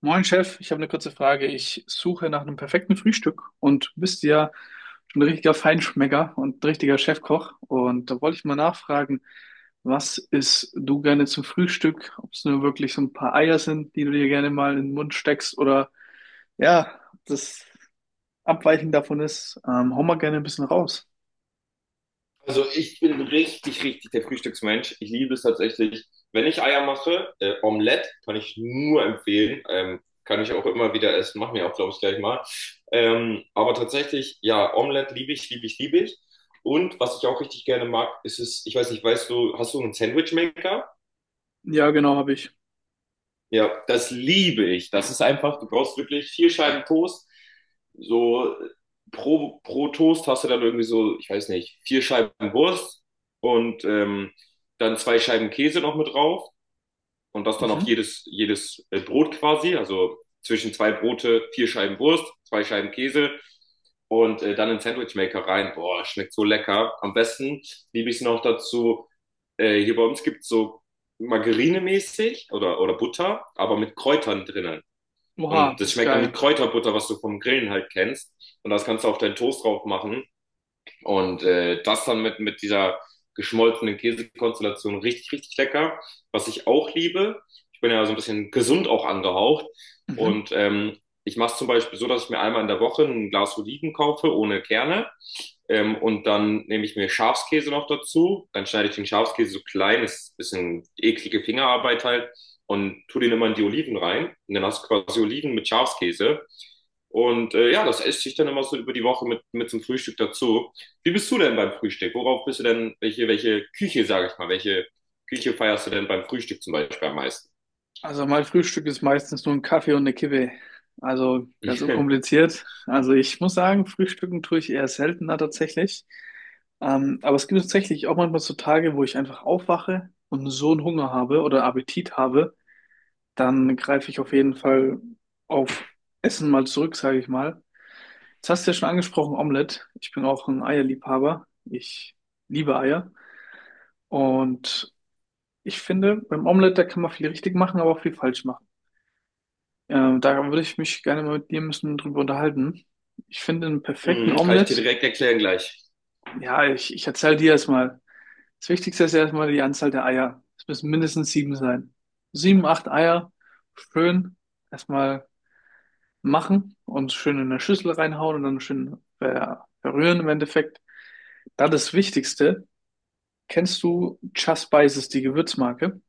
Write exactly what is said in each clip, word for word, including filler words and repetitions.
Moin Chef, ich habe eine kurze Frage. Ich suche nach einem perfekten Frühstück und du bist ja schon ein richtiger Feinschmecker und ein richtiger Chefkoch. Und da wollte ich mal nachfragen, was isst du gerne zum Frühstück? Ob es nur wirklich so ein paar Eier sind, die du dir gerne mal in den Mund steckst oder ja, das Abweichen davon ist. Ähm, hau mal gerne ein bisschen raus. Also ich bin richtig, richtig der Frühstücksmensch. Ich liebe es tatsächlich. Wenn ich Eier mache, äh, Omelette kann ich nur empfehlen. Ähm, kann ich auch immer wieder essen. Machen wir auch, glaube ich, gleich mal. Ähm, aber tatsächlich, ja, Omelette liebe ich, liebe ich, liebe ich. Und was ich auch richtig gerne mag, ist es, ich weiß nicht, weißt du, hast du einen Sandwichmaker? Ja, genau, habe ich. Ja, das liebe ich. Das ist einfach, du brauchst wirklich vier Scheiben Toast. So pro, pro Toast hast du dann irgendwie so, ich weiß nicht, vier Scheiben Wurst und ähm, dann zwei Scheiben Käse noch mit drauf und das dann auf Mhm. jedes, jedes äh, Brot quasi. Also zwischen zwei Brote, vier Scheiben Wurst, zwei Scheiben Käse und äh, dann in den Sandwich rein. Boah, schmeckt so lecker. Am besten liebe ich es noch dazu. Äh, hier bei uns gibt's so Margarine-mäßig oder, oder Butter, aber mit Kräutern drinnen. Oha, Und das das ist schmeckt dann wie geil. Kräuterbutter, was du vom Grillen halt kennst. Und das kannst du auf deinen Toast drauf machen. Und äh, das dann mit, mit dieser geschmolzenen Käsekonstellation richtig, richtig lecker. Was ich auch liebe, ich bin ja so ein bisschen gesund auch angehaucht. Mhm. Und ähm, ich mache es zum Beispiel so, dass ich mir einmal in der Woche ein Glas Oliven kaufe ohne Kerne. Ähm, und dann nehme ich mir Schafskäse noch dazu. Dann schneide ich den Schafskäse so klein, ist ein bisschen eklige Fingerarbeit halt. Und tu den immer in die Oliven rein. Und dann hast du quasi Oliven mit Schafskäse. Und äh, ja, das esse ich dann immer so über die Woche mit, mit zum Frühstück dazu. Wie bist du denn beim Frühstück? Worauf bist du denn, welche, welche Küche, sage ich mal, welche Küche feierst du denn beim Frühstück zum Beispiel am meisten? Also mein Frühstück ist meistens nur ein Kaffee und eine Kippe. Also ganz unkompliziert. Also ich muss sagen, Frühstücken tue ich eher seltener tatsächlich. Ähm, aber es gibt tatsächlich auch manchmal so Tage, wo ich einfach aufwache und so einen Hunger habe oder Appetit habe, dann greife ich auf jeden Fall auf Essen mal zurück, sage ich mal. Jetzt hast du ja schon angesprochen, Omelette. Ich bin auch ein Eierliebhaber. Ich liebe Eier. Und ich finde, beim Omelette, da kann man viel richtig machen, aber auch viel falsch machen. Ähm, da würde ich mich gerne mal mit dir ein bisschen drüber unterhalten. Ich finde einen perfekten Mhm, kann ich dir Omelette. direkt erklären gleich. Ja, ich, ich erzähle dir erstmal. Das Wichtigste ist erstmal die Anzahl der Eier. Es müssen mindestens sieben sein. Sieben, acht Eier schön erstmal machen und schön in eine Schüssel reinhauen und dann schön ver verrühren im Endeffekt. Dann das Wichtigste. Kennst du Just Spices, die Gewürzmarke?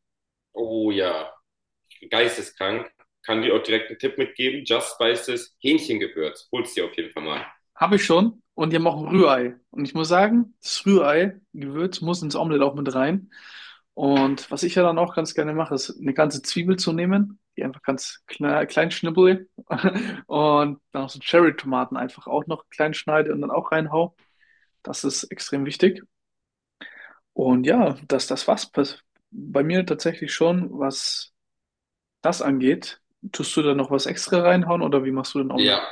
Oh ja, geisteskrank. Kann dir auch direkt einen Tipp mitgeben. Just Spices Hähnchengewürz. Hol's dir auf jeden Fall mal. Habe ich schon. Und die haben auch ein Rührei. Und ich muss sagen, das Rührei-Gewürz muss ins Omelett auch mit rein. Und was ich ja dann auch ganz gerne mache, ist eine ganze Zwiebel zu nehmen, die einfach ganz klein, klein schnibbel und dann auch so Cherry-Tomaten einfach auch noch klein schneide und dann auch reinhau. Das ist extrem wichtig. Und ja, dass das was pers- bei mir tatsächlich schon, was das angeht. Tust du da noch was extra reinhauen oder wie machst du den Ja, Omelett?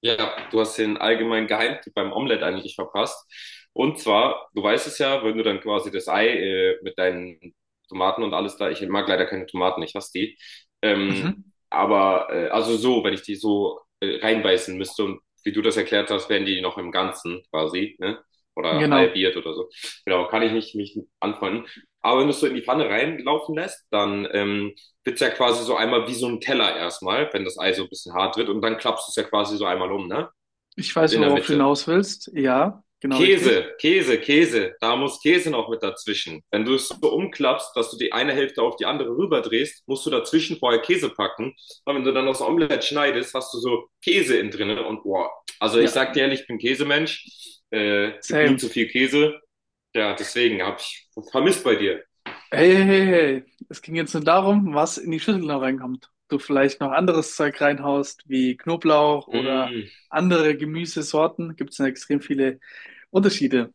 Ja, du hast den allgemeinen Geheimtipp beim Omelett eigentlich verpasst. Und zwar, du weißt es ja, wenn du dann quasi das Ei äh, mit deinen Tomaten und alles da, ich mag leider keine Tomaten, ich hasse die. Ähm, Mhm. aber, äh, also so, wenn ich die so äh, reinbeißen müsste und wie du das erklärt hast, wären die noch im Ganzen quasi, ne? Oder Genau. halbiert oder so. Genau, kann ich nicht mich anfreunden. Aber wenn du es so in die Pfanne reinlaufen lässt, dann ähm, wird's ja quasi so einmal wie so ein Teller erstmal, wenn das Ei so ein bisschen hart wird und dann klappst du es ja quasi so einmal um, ne? Ich weiß, In der worauf du Mitte. hinaus willst. Ja, genau richtig. Käse, Käse, Käse, da muss Käse noch mit dazwischen. Wenn du es so umklappst, dass du die eine Hälfte auf die andere rüberdrehst, musst du dazwischen vorher Käse packen. Und wenn du dann noch das Omelett schneidest, hast du so Käse in drinne und boah. Also ich Ja, sag dir ehrlich, ich bin Käsemensch, äh, gibt nie same. zu viel Käse. Ja, deswegen hab ich vermisst bei dir. Hey, hey, hey, hey. Es ging jetzt nur darum, was in die Schüssel noch reinkommt. Du vielleicht noch anderes Zeug reinhaust, wie Knoblauch oder Mm. andere Gemüsesorten. Gibt es ja extrem viele Unterschiede.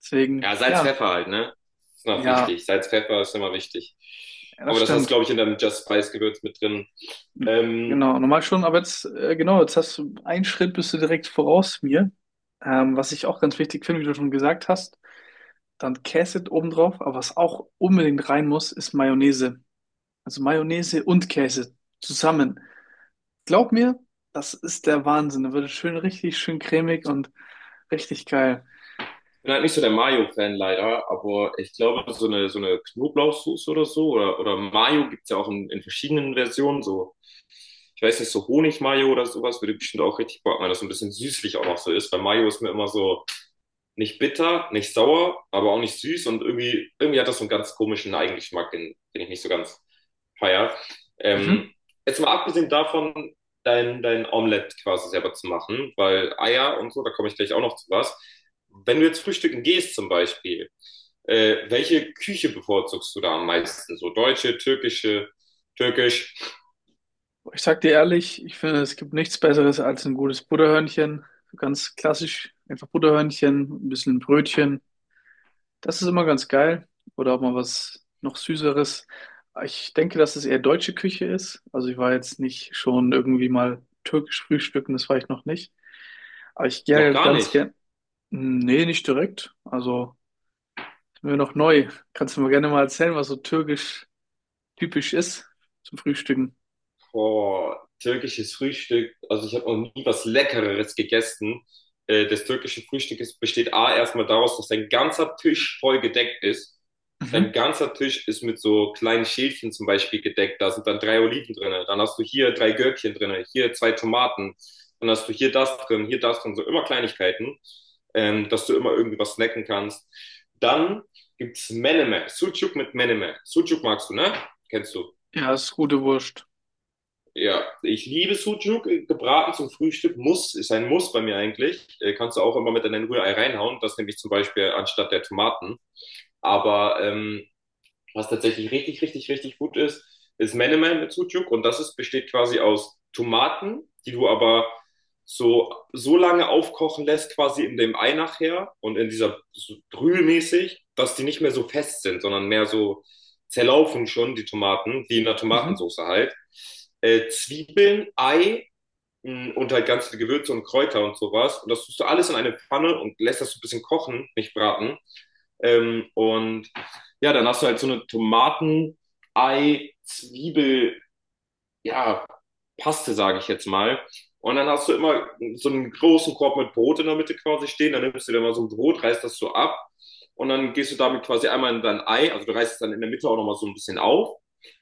Deswegen, Ja, Salz, ja, Pfeffer halt, ne? Ist noch ja, wichtig. Salz, Pfeffer ist immer wichtig. ja, das Aber das hast du, stimmt. glaube ich, in deinem Just Spice Gewürz mit drin. Ähm, Genau, normal schon, aber jetzt, äh, genau, jetzt hast du einen Schritt, bist du direkt voraus mir. Ähm, was ich auch ganz wichtig finde, wie du schon gesagt hast. Dann Käse obendrauf, aber was auch unbedingt rein muss, ist Mayonnaise. Also Mayonnaise und Käse zusammen. Glaub mir, das ist der Wahnsinn. Da wird es schön, richtig schön cremig und richtig geil. bin halt nicht so der Mayo-Fan leider, aber ich glaube, so eine, so eine Knoblauchsoße oder so, oder, oder Mayo gibt's ja auch in, in verschiedenen Versionen, so. Ich weiß nicht, so Honig-Mayo oder sowas würde bestimmt auch richtig Bock machen, dass so ein bisschen süßlich auch noch so ist, weil Mayo ist mir immer so, nicht bitter, nicht sauer, aber auch nicht süß und irgendwie, irgendwie hat das so einen ganz komischen Eigengeschmack, den, den ich nicht so ganz feier. Ähm, Mhm. jetzt mal abgesehen davon, dein, dein Omelett quasi selber zu machen, weil Eier und so, da komme ich gleich auch noch zu was. Wenn du jetzt frühstücken gehst zum Beispiel, äh, welche Küche bevorzugst du da am meisten? So deutsche, türkische, türkisch? Ich sag dir ehrlich, ich finde, es gibt nichts Besseres als ein gutes Butterhörnchen. So ganz klassisch, einfach Butterhörnchen, ein bisschen Brötchen. Das ist immer ganz geil. Oder auch mal was noch Süßeres. Ich denke, dass es eher deutsche Küche ist. Also ich war jetzt nicht schon irgendwie mal türkisch frühstücken, das war ich noch nicht. Aber ich gehe Noch halt gar ganz nicht. gern. Nee, nicht direkt. Also ist mir noch neu. Kannst du mir gerne mal erzählen, was so türkisch typisch ist zum Frühstücken? Boah, türkisches Frühstück. Also ich habe noch nie was Leckereres gegessen. Äh, das türkische Frühstück ist, besteht A erstmal daraus, dass dein ganzer Tisch voll gedeckt ist. Dein Mhm. ganzer Tisch ist mit so kleinen Schälchen zum Beispiel gedeckt. Da sind dann drei Oliven drinne. Dann hast du hier drei Gürkchen drinne, hier zwei Tomaten. Dann hast du hier das drin, hier das drin. So immer Kleinigkeiten, ähm, dass du immer irgendwie was snacken kannst. Dann gibt's Menemen. Sucuk mit Menemen. Sucuk magst du, ne? Kennst du. Ja, ist gute Wurst. Ja, ich liebe Sucuk, äh, gebraten zum Frühstück, muss, ist ein Muss bei mir eigentlich. Äh, kannst du auch immer mit in dein Rührei reinhauen, das nehme ich zum Beispiel anstatt der Tomaten. Aber ähm, was tatsächlich richtig, richtig, richtig gut ist, ist Menemen mit Sucuk und das ist, besteht quasi aus Tomaten, die du aber so, so lange aufkochen lässt, quasi in dem Ei nachher und in dieser so brühmäßig, dass die nicht mehr so fest sind, sondern mehr so zerlaufen schon, die Tomaten, wie in der Mhm. Tomatensauce halt. Äh, Zwiebeln, Ei Mm, und halt ganz viele Gewürze und Kräuter und sowas. Und das tust du alles in eine Pfanne und lässt das so ein bisschen kochen, nicht braten. Ähm, und ja, dann hast du halt so eine Tomaten, Ei, Zwiebel, ja, Paste, sage ich jetzt mal. Und dann hast du immer so einen großen Korb mit Brot in der Mitte quasi stehen. Dann nimmst du dir mal so ein Brot, reißt das so ab und dann gehst du damit quasi einmal in dein Ei. Also du reißt es dann in der Mitte auch nochmal so ein bisschen auf.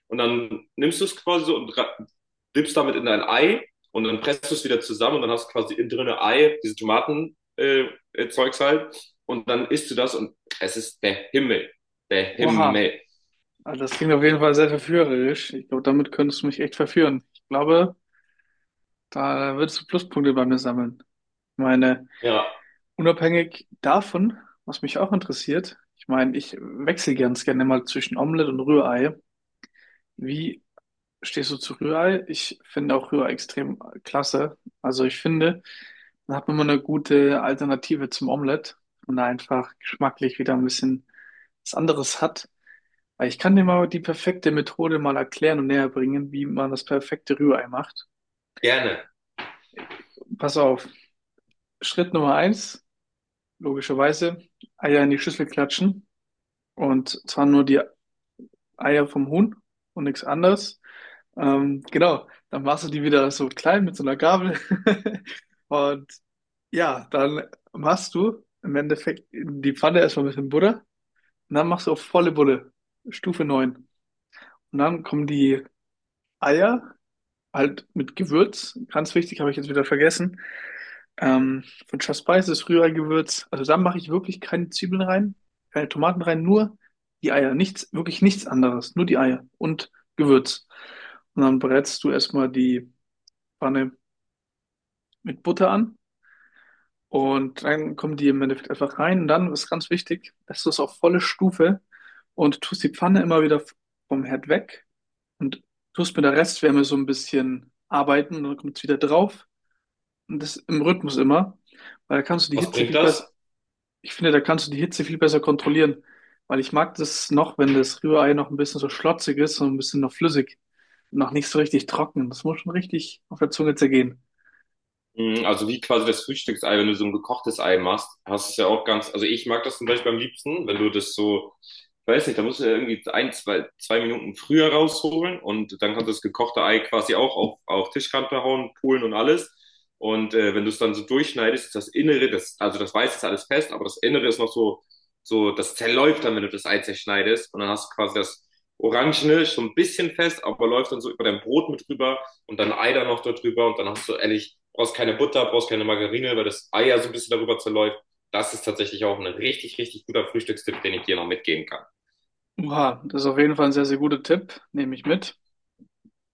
Und dann nimmst du es quasi so und ra- dippst damit in dein Ei und dann presst du es wieder zusammen und dann hast du quasi innen drin Ei, diese Tomaten, äh, äh, Zeugs halt. Und dann isst du das und es ist der Himmel. Der Oha. Himmel. Also das klingt auf jeden Fall sehr verführerisch. Ich glaube, damit könntest du mich echt verführen. Ich glaube, da würdest du Pluspunkte bei mir sammeln. Ich meine, Ja, unabhängig davon, was mich auch interessiert, ich meine, ich wechsle ganz gerne mal zwischen Omelette und Rührei. Wie stehst du zu Rührei? Ich finde auch Rührei extrem klasse. Also ich finde, dann hat man immer eine gute Alternative zum Omelette und da einfach geschmacklich wieder ein bisschen was anderes hat. Weil ich kann dir mal die perfekte Methode mal erklären und näher bringen, wie man das perfekte Rührei macht. gerne. Pass auf. Schritt Nummer eins, logischerweise, Eier in die Schüssel klatschen. Und zwar nur die Eier vom Huhn und nichts anderes. Ähm, genau, dann machst du die wieder so klein mit so einer Gabel. Und ja, dann machst du im Endeffekt in die Pfanne erstmal ein bisschen Butter. Und dann machst du auf volle Bulle, Stufe neun. Und dann kommen die Eier halt mit Gewürz. Ganz wichtig, habe ich jetzt wieder vergessen. Ähm, von Just Spice ist Rührei-Gewürz. Also da mache ich wirklich keine Zwiebeln rein, keine Tomaten rein, nur die Eier. Nichts, wirklich nichts anderes. Nur die Eier und Gewürz. Und dann brätst du erstmal die Pfanne mit Butter an. Und dann kommen die im Endeffekt einfach rein. Und dann ist ganz wichtig, dass du es auf volle Stufe und tust die Pfanne immer wieder vom Herd weg und tust mit der Restwärme so ein bisschen arbeiten. Und dann kommt es wieder drauf. Und das im Rhythmus immer, weil da kannst du die Was Hitze bringt viel das? besser. Ich finde, da kannst du die Hitze viel besser kontrollieren, weil ich mag das noch, wenn das Rührei noch ein bisschen so schlotzig ist und ein bisschen noch flüssig und noch nicht so richtig trocken. Das muss schon richtig auf der Zunge zergehen. Mm, also wie quasi das Frühstücksei, wenn du so ein gekochtes Ei machst, hast du es ja auch ganz, also ich mag das zum Beispiel am liebsten, wenn du das so, ich weiß nicht, da musst du ja irgendwie ein, zwei, zwei Minuten früher rausholen und dann kannst du das gekochte Ei quasi auch auf, auf Tischkante hauen, polen und alles. Und äh, wenn du es dann so durchschneidest, ist das Innere, das, also das Weiße ist alles fest, aber das Innere ist noch so, so, das zerläuft dann, wenn du das Ei zerschneidest und dann hast du quasi das Orangene schon ein bisschen fest, aber läuft dann so über dein Brot mit drüber und dann Ei da noch darüber und dann hast du ehrlich, brauchst keine Butter, brauchst keine Margarine, weil das Ei ja so ein bisschen darüber zerläuft. Das ist tatsächlich auch ein richtig, richtig guter Frühstückstipp, den ich dir noch mitgeben kann. Oha, das ist auf jeden Fall ein sehr, sehr guter Tipp, nehme ich mit.